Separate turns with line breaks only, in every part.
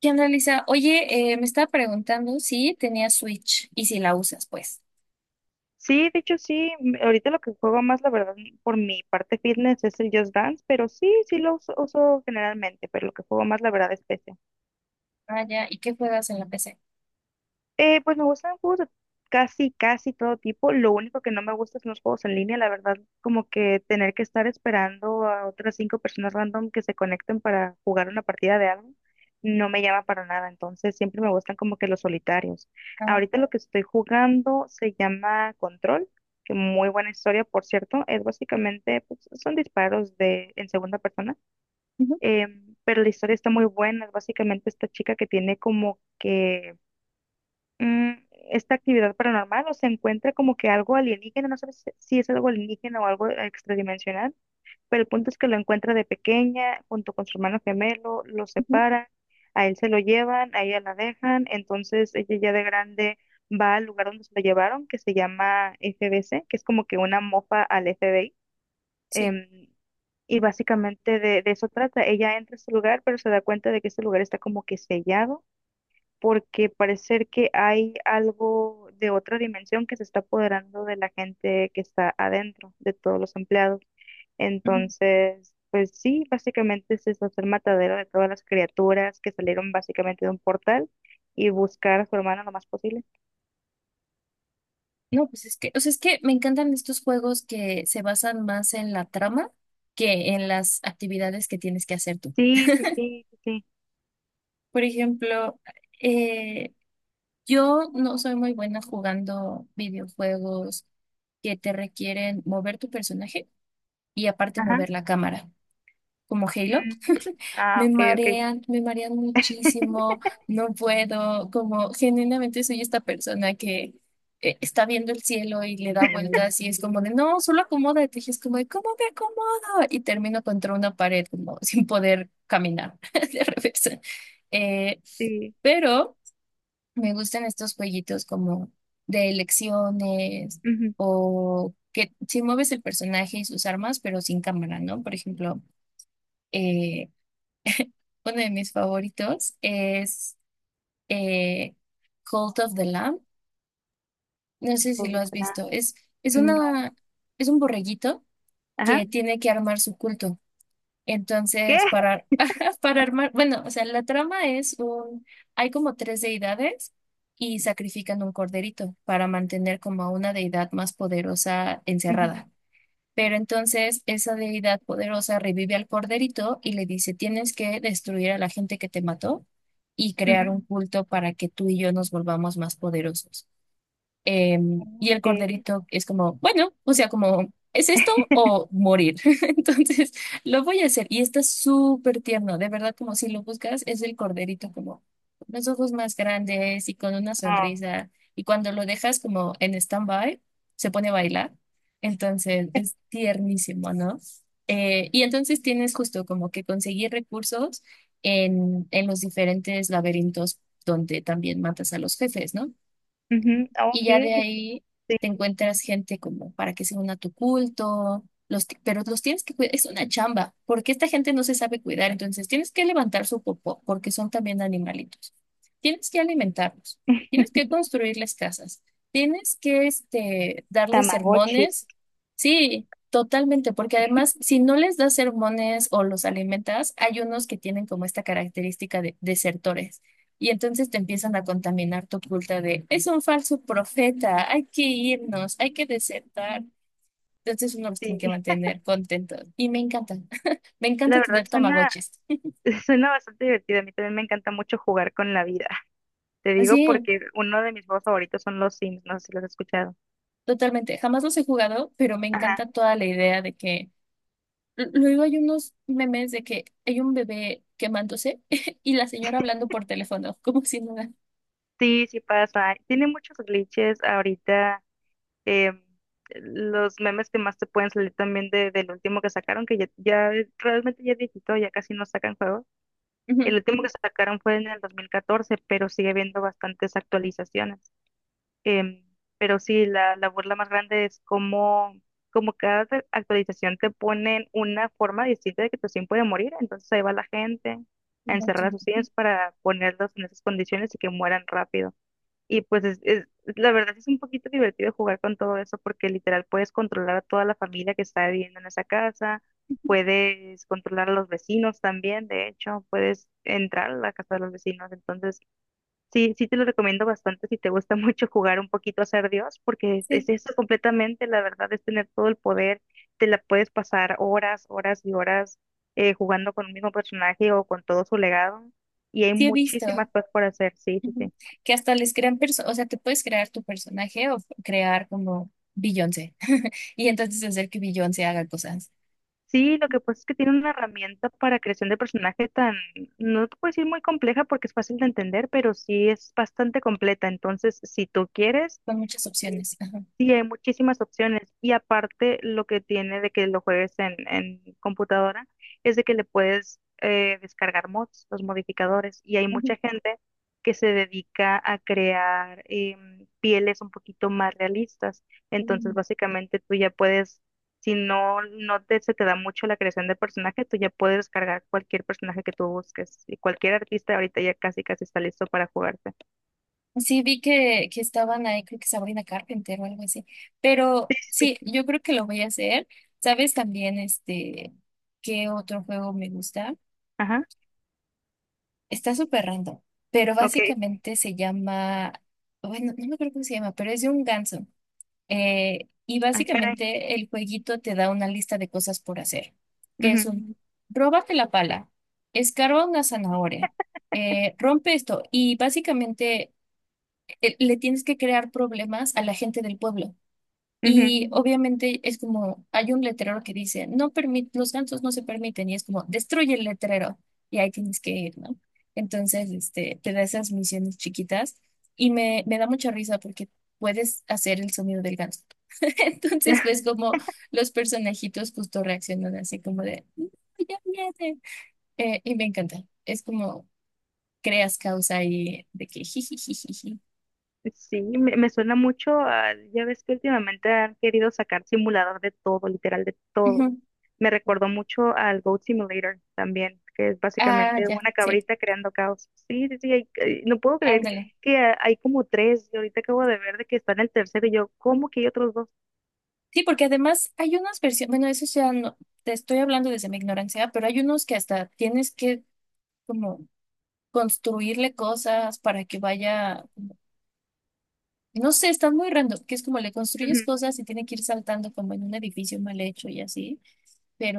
¿Qué onda, Lisa? Oye, me estaba preguntando si tenías Switch y si la usas, pues.
Sí, de hecho sí, ahorita lo que juego más, la verdad, por mi parte fitness es el Just Dance, pero sí, sí lo uso, uso generalmente, pero lo que juego más, la verdad, es PC.
Ah, ya. ¿Y qué juegas en la PC?
Pues me gustan juegos de casi todo tipo. Lo único que no me gusta son los juegos en línea, la verdad, como que tener que estar esperando a otras cinco personas random que se conecten para jugar una partida de algo, no me llama para nada. Entonces siempre me gustan como que los solitarios.
Ah,
Ahorita lo que estoy jugando se llama Control, que muy buena historia, por cierto. Es básicamente, pues, son disparos de en segunda persona,
ujú,
pero la historia está muy buena. Es básicamente esta chica que tiene como que mm, esta actividad paranormal o se encuentra como que algo alienígena, no sabes si es algo alienígena o algo extradimensional, pero el punto es que lo encuentra de pequeña junto con su hermano gemelo, lo
ujú,
separan, a él se lo llevan, a ella la dejan, entonces ella ya de grande va al lugar donde se lo llevaron, que se llama FBC, que es como que una mofa al FBI.
sí.
em, y básicamente de eso trata. Ella entra a ese lugar, pero se da cuenta de que ese lugar está como que sellado porque parece que hay algo de otra dimensión que se está apoderando de la gente que está adentro, de todos los empleados.
Ujú.
Entonces, pues sí, básicamente es eso, hacer matadero de todas las criaturas que salieron básicamente de un portal y buscar a su hermana lo más posible.
No, pues es que, o sea, es que me encantan estos juegos que se basan más en la trama que en las actividades que tienes que hacer tú.
Sí, sí, sí, sí, sí.
Por ejemplo, eh, yo no soy muy buena jugando videojuegos que te requieren mover tu personaje y aparte
Ajá.
mover la cámara, como Halo.
Mm, ah, ok, ok.
Me marean muchísimo, no puedo, como genuinamente soy esta persona que está viendo el cielo y le da vueltas y es como de, no, solo acomódate, y es como de, ¿cómo me acomodo? Y termino contra una pared como sin poder caminar de revés. Eh,
Sí.
pero me gustan estos jueguitos como de elecciones
Ujú.
o que si mueves el personaje y sus armas, pero sin cámara, ¿no? Por ejemplo eh, uno de mis favoritos es eh, Cult of the Lamb. No sé si lo
Todo
has
claro.
visto. Es
No.
una, es un borreguito
Ajá.
que tiene que armar su culto.
¿Qué?
Entonces, para, para armar, bueno, o sea, la trama es un, hay como tres deidades y sacrifican un corderito para mantener como a una deidad más poderosa
Ujú,
encerrada. Pero entonces esa deidad poderosa revive al corderito y le dice, tienes que destruir a la gente que te mató y crear un
ujú.
culto para que tú y yo nos volvamos más poderosos. Eh, y el
Ok.
corderito es como, bueno, o sea, como, ¿es esto o morir? Entonces, lo voy a hacer. Y está súper tierno, de verdad, como si lo buscas, es el corderito como con los ojos más grandes y con una
Ah.
sonrisa. Y cuando lo dejas como en stand-by, se pone a bailar. Entonces, es tiernísimo, ¿no? Y entonces tienes justo como que conseguir recursos en los diferentes laberintos donde también matas a los jefes, ¿no?
Ujú, ah,
Y
ok.
ya de ahí te encuentras gente como para que se una a tu culto, los, pero los tienes que cuidar, es una chamba, porque esta gente no se sabe cuidar, entonces tienes que levantar su popó, porque son también animalitos. Tienes que alimentarlos, tienes que construirles casas, tienes que este, darles
Tamagotchis.
sermones, sí, totalmente, porque además si no les das sermones o los alimentas, hay unos que tienen como esta característica de desertores. Y entonces te empiezan a contaminar tu culta de, es un falso profeta, hay que irnos, hay que desertar. Entonces uno los tiene que
Sí,
mantener contentos. Y me encanta, me
la
encanta
verdad
tener
suena,
tamagotchis.
suena bastante divertido. A mí también me encanta mucho jugar con la vida. Te digo
Sí,
porque uno de mis juegos favoritos son los Sims, no sé si los has escuchado.
totalmente. Jamás los he jugado, pero me
Ajá,
encanta toda la idea de que, luego hay unos memes de que hay un bebé quemándose y la señora hablando por teléfono, como si nada.
sí, sí pasa. Tiene muchos glitches ahorita. em, los memes que más te pueden salir también del último que sacaron, que realmente ya es viejito, ya casi no sacan juegos.
Ujú.
El último que sacaron fue en el 2014 pero sigue habiendo bastantes actualizaciones. Em, pero sí, la burla más grande es cómo, como cada actualización te ponen una forma distinta de que tu sim puede morir. Entonces ahí va la gente a encerrar a sus sims para ponerlos en esas condiciones y que mueran rápido. Y pues la verdad es un poquito divertido jugar con todo eso porque literal puedes controlar a toda la familia que está viviendo en esa casa. Puedes controlar a los vecinos también, de hecho, puedes entrar a la casa de los vecinos. Entonces, sí, sí te lo recomiendo bastante si te gusta mucho jugar un poquito a ser Dios, porque es,
Sí,
eso completamente, la verdad, es tener todo el poder, te la puedes pasar horas, horas y horas jugando con un mismo personaje o con todo su legado, y hay
sí he visto.
muchísimas cosas por hacer, sí, sí,
Ujú.
sí.
Que hasta les crean personas, o sea, te puedes crear tu personaje o crear como Beyoncé y entonces hacer que Beyoncé haga cosas
Sí, lo que pasa es que tiene una herramienta para creación de personaje tan, no te puedo decir muy compleja porque es fácil de entender, pero sí es bastante completa, entonces si tú quieres...
con muchas opciones. Ajá.
Sí, hay muchísimas opciones y aparte lo que tiene de que lo juegues en computadora es de que le puedes descargar mods, los modificadores, y hay
Ujú.
mucha gente que se dedica a crear pieles un poquito más realistas. Entonces,
Mm.
básicamente tú ya puedes, si no, no te, se te da mucho la creación de personaje, tú ya puedes descargar cualquier personaje que tú busques y cualquier artista ahorita ya casi casi está listo para jugarte.
Sí, vi que estaban ahí, creo que Sabrina Carpenter o algo así, pero
Sí,
sí,
sí.
yo creo que lo voy a hacer. ¿Sabes también este qué otro juego me gusta?
Ajá,
Está súper random, pero
ok.
básicamente se llama, bueno, no me acuerdo cómo se llama, pero es de un ganso. Y
Ah, caray.
básicamente el jueguito te da una lista de cosas por hacer, que es
Ujú,
un, róbate la pala, escarba una zanahoria, rompe esto y básicamente le tienes que crear problemas a la gente del pueblo.
ujú.
Y obviamente es como, hay un letrero que dice, no permit, los gansos no se permiten, y es como, destruye el letrero, y ahí tienes que ir, ¿no? Entonces, este, te da esas misiones chiquitas, y me da mucha risa porque puedes hacer el sonido del ganso. Entonces, pues como los personajitos justo reaccionan así como de, "No, ya viene. Y me encanta. Es como creas causa ahí de que jijijijiji.
Ya. Sí, me suena mucho a, ya ves que últimamente han querido sacar simulador de todo, literal de todo.
Ujú.
Me recordó mucho al Goat Simulator también, que es
Ah,
básicamente
ya,
una
sí,
cabrita creando caos. Sí, sí, sí, no puedo creer
ándale.
que hay como tres, y ahorita acabo de ver de que está en el tercero, y yo, ¿cómo que hay otros dos?
Sí, porque además hay unas versiones, bueno, eso ya no, te estoy hablando desde mi ignorancia, pero hay unos que hasta tienes que como construirle cosas para que vaya, no sé, están muy random, que es como le construyes
Ujú,
cosas y tiene que ir saltando como en un edificio mal hecho y así.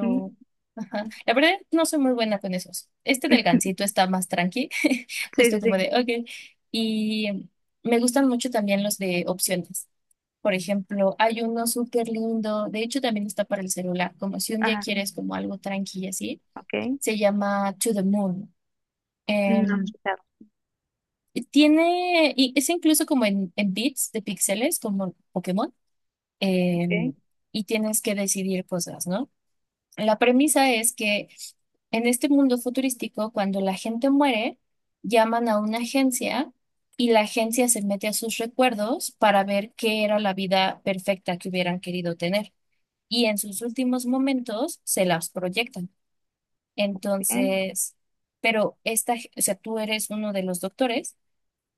ujú,
ajá,
ujú.
la verdad no soy muy buena con esos. Este del gansito está más tranqui,
Sí,
justo
sí,
como
sí,
de, ok. Y me gustan mucho también los de opciones. Por ejemplo, hay uno súper lindo, de hecho también está para el celular, como si un día
ajá,
quieres como algo tranqui y así,
ok,
se llama To the Moon.
no lo he
Em,
escuchado,
y tiene, y es incluso como en bits de píxeles, como Pokémon, em,
ok,
y tienes que decidir cosas, ¿no? La premisa es que en este mundo futurístico, cuando la gente muere, llaman a una agencia y la agencia se mete a sus recuerdos para ver qué era la vida perfecta que hubieran querido tener. Y en sus últimos momentos se las proyectan. Entonces, pero esta, o sea, tú eres uno de los doctores.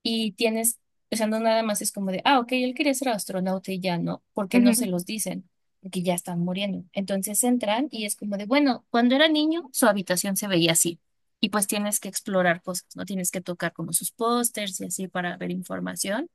Y tienes, o sea, no nada más es como de, ah, ok, él quería ser astronauta y ya no, porque no
bien.
se los dicen, porque ya están muriendo. Entonces entran y es como de, bueno, cuando era niño, su habitación se veía así. Y pues tienes que explorar cosas, ¿no? Tienes que tocar como sus pósters y así para ver información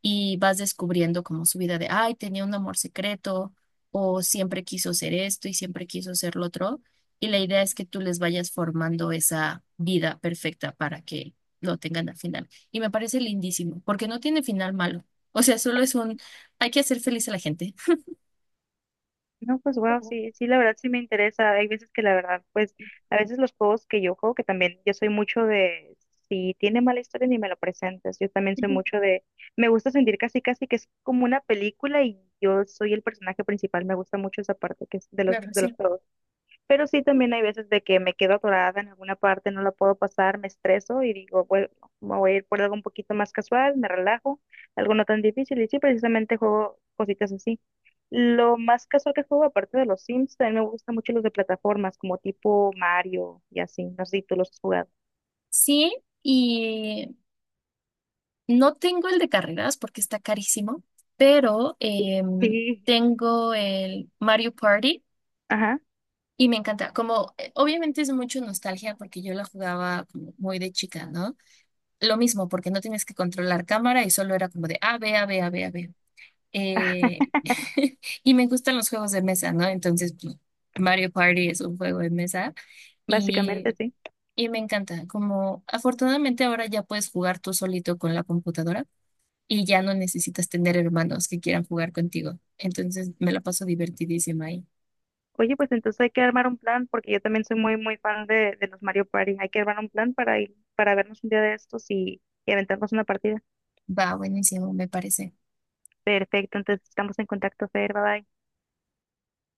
y vas descubriendo como su vida de, ay, tenía un amor secreto o siempre quiso ser esto y siempre quiso ser lo otro. Y la idea es que tú les vayas formando esa vida perfecta para que lo tengan al final. Y me parece lindísimo, porque no tiene final malo. O sea, solo es un, hay que hacer feliz a la gente.
No, pues wow,
Ujú,
sí, sí, la verdad sí me interesa. Hay veces que la verdad, pues a veces los juegos que yo juego, que también yo soy mucho de, si tiene mala historia ni me lo presentes, yo también soy mucho de, me gusta sentir casi casi que es como una película y yo soy el personaje principal, me gusta mucho esa parte que es de
claro,
de los
sí.
juegos. Pero sí, también hay veces de que me quedo atorada en alguna parte, no la puedo pasar, me estreso y digo, bueno, me voy a ir por algo un poquito más casual, me relajo, algo no tan difícil. Y sí, precisamente juego cositas así. Lo más casual que juego, aparte de los Sims, también me gustan mucho los de plataformas, como tipo Mario y así. No sé si tú los has jugado.
Sí, y no tengo el de carreras porque está carísimo, pero
Sí.
tengo el Mario Party
Ajá,
y me encanta, como obviamente es mucho nostalgia porque yo la jugaba como muy de chica, ¿no? Lo mismo, porque no tienes que controlar cámara y solo era como de A, B, A, B, A, B, A, B. Eh, y me gustan los juegos de mesa, ¿no? Entonces, pues, Mario Party es un juego de mesa
básicamente
y,
sí.
y me encanta, como afortunadamente ahora ya puedes jugar tú solito con la computadora y ya no necesitas tener hermanos que quieran jugar contigo. Entonces, me la paso divertidísima ahí.
Oye, pues entonces hay que armar un plan, porque yo también soy muy, muy fan de los Mario Party. Hay que armar un plan para ir, para vernos un día de estos y aventarnos una partida.
Va, buenísimo, me parece.
Perfecto, entonces estamos en contacto, Fer, bye bye.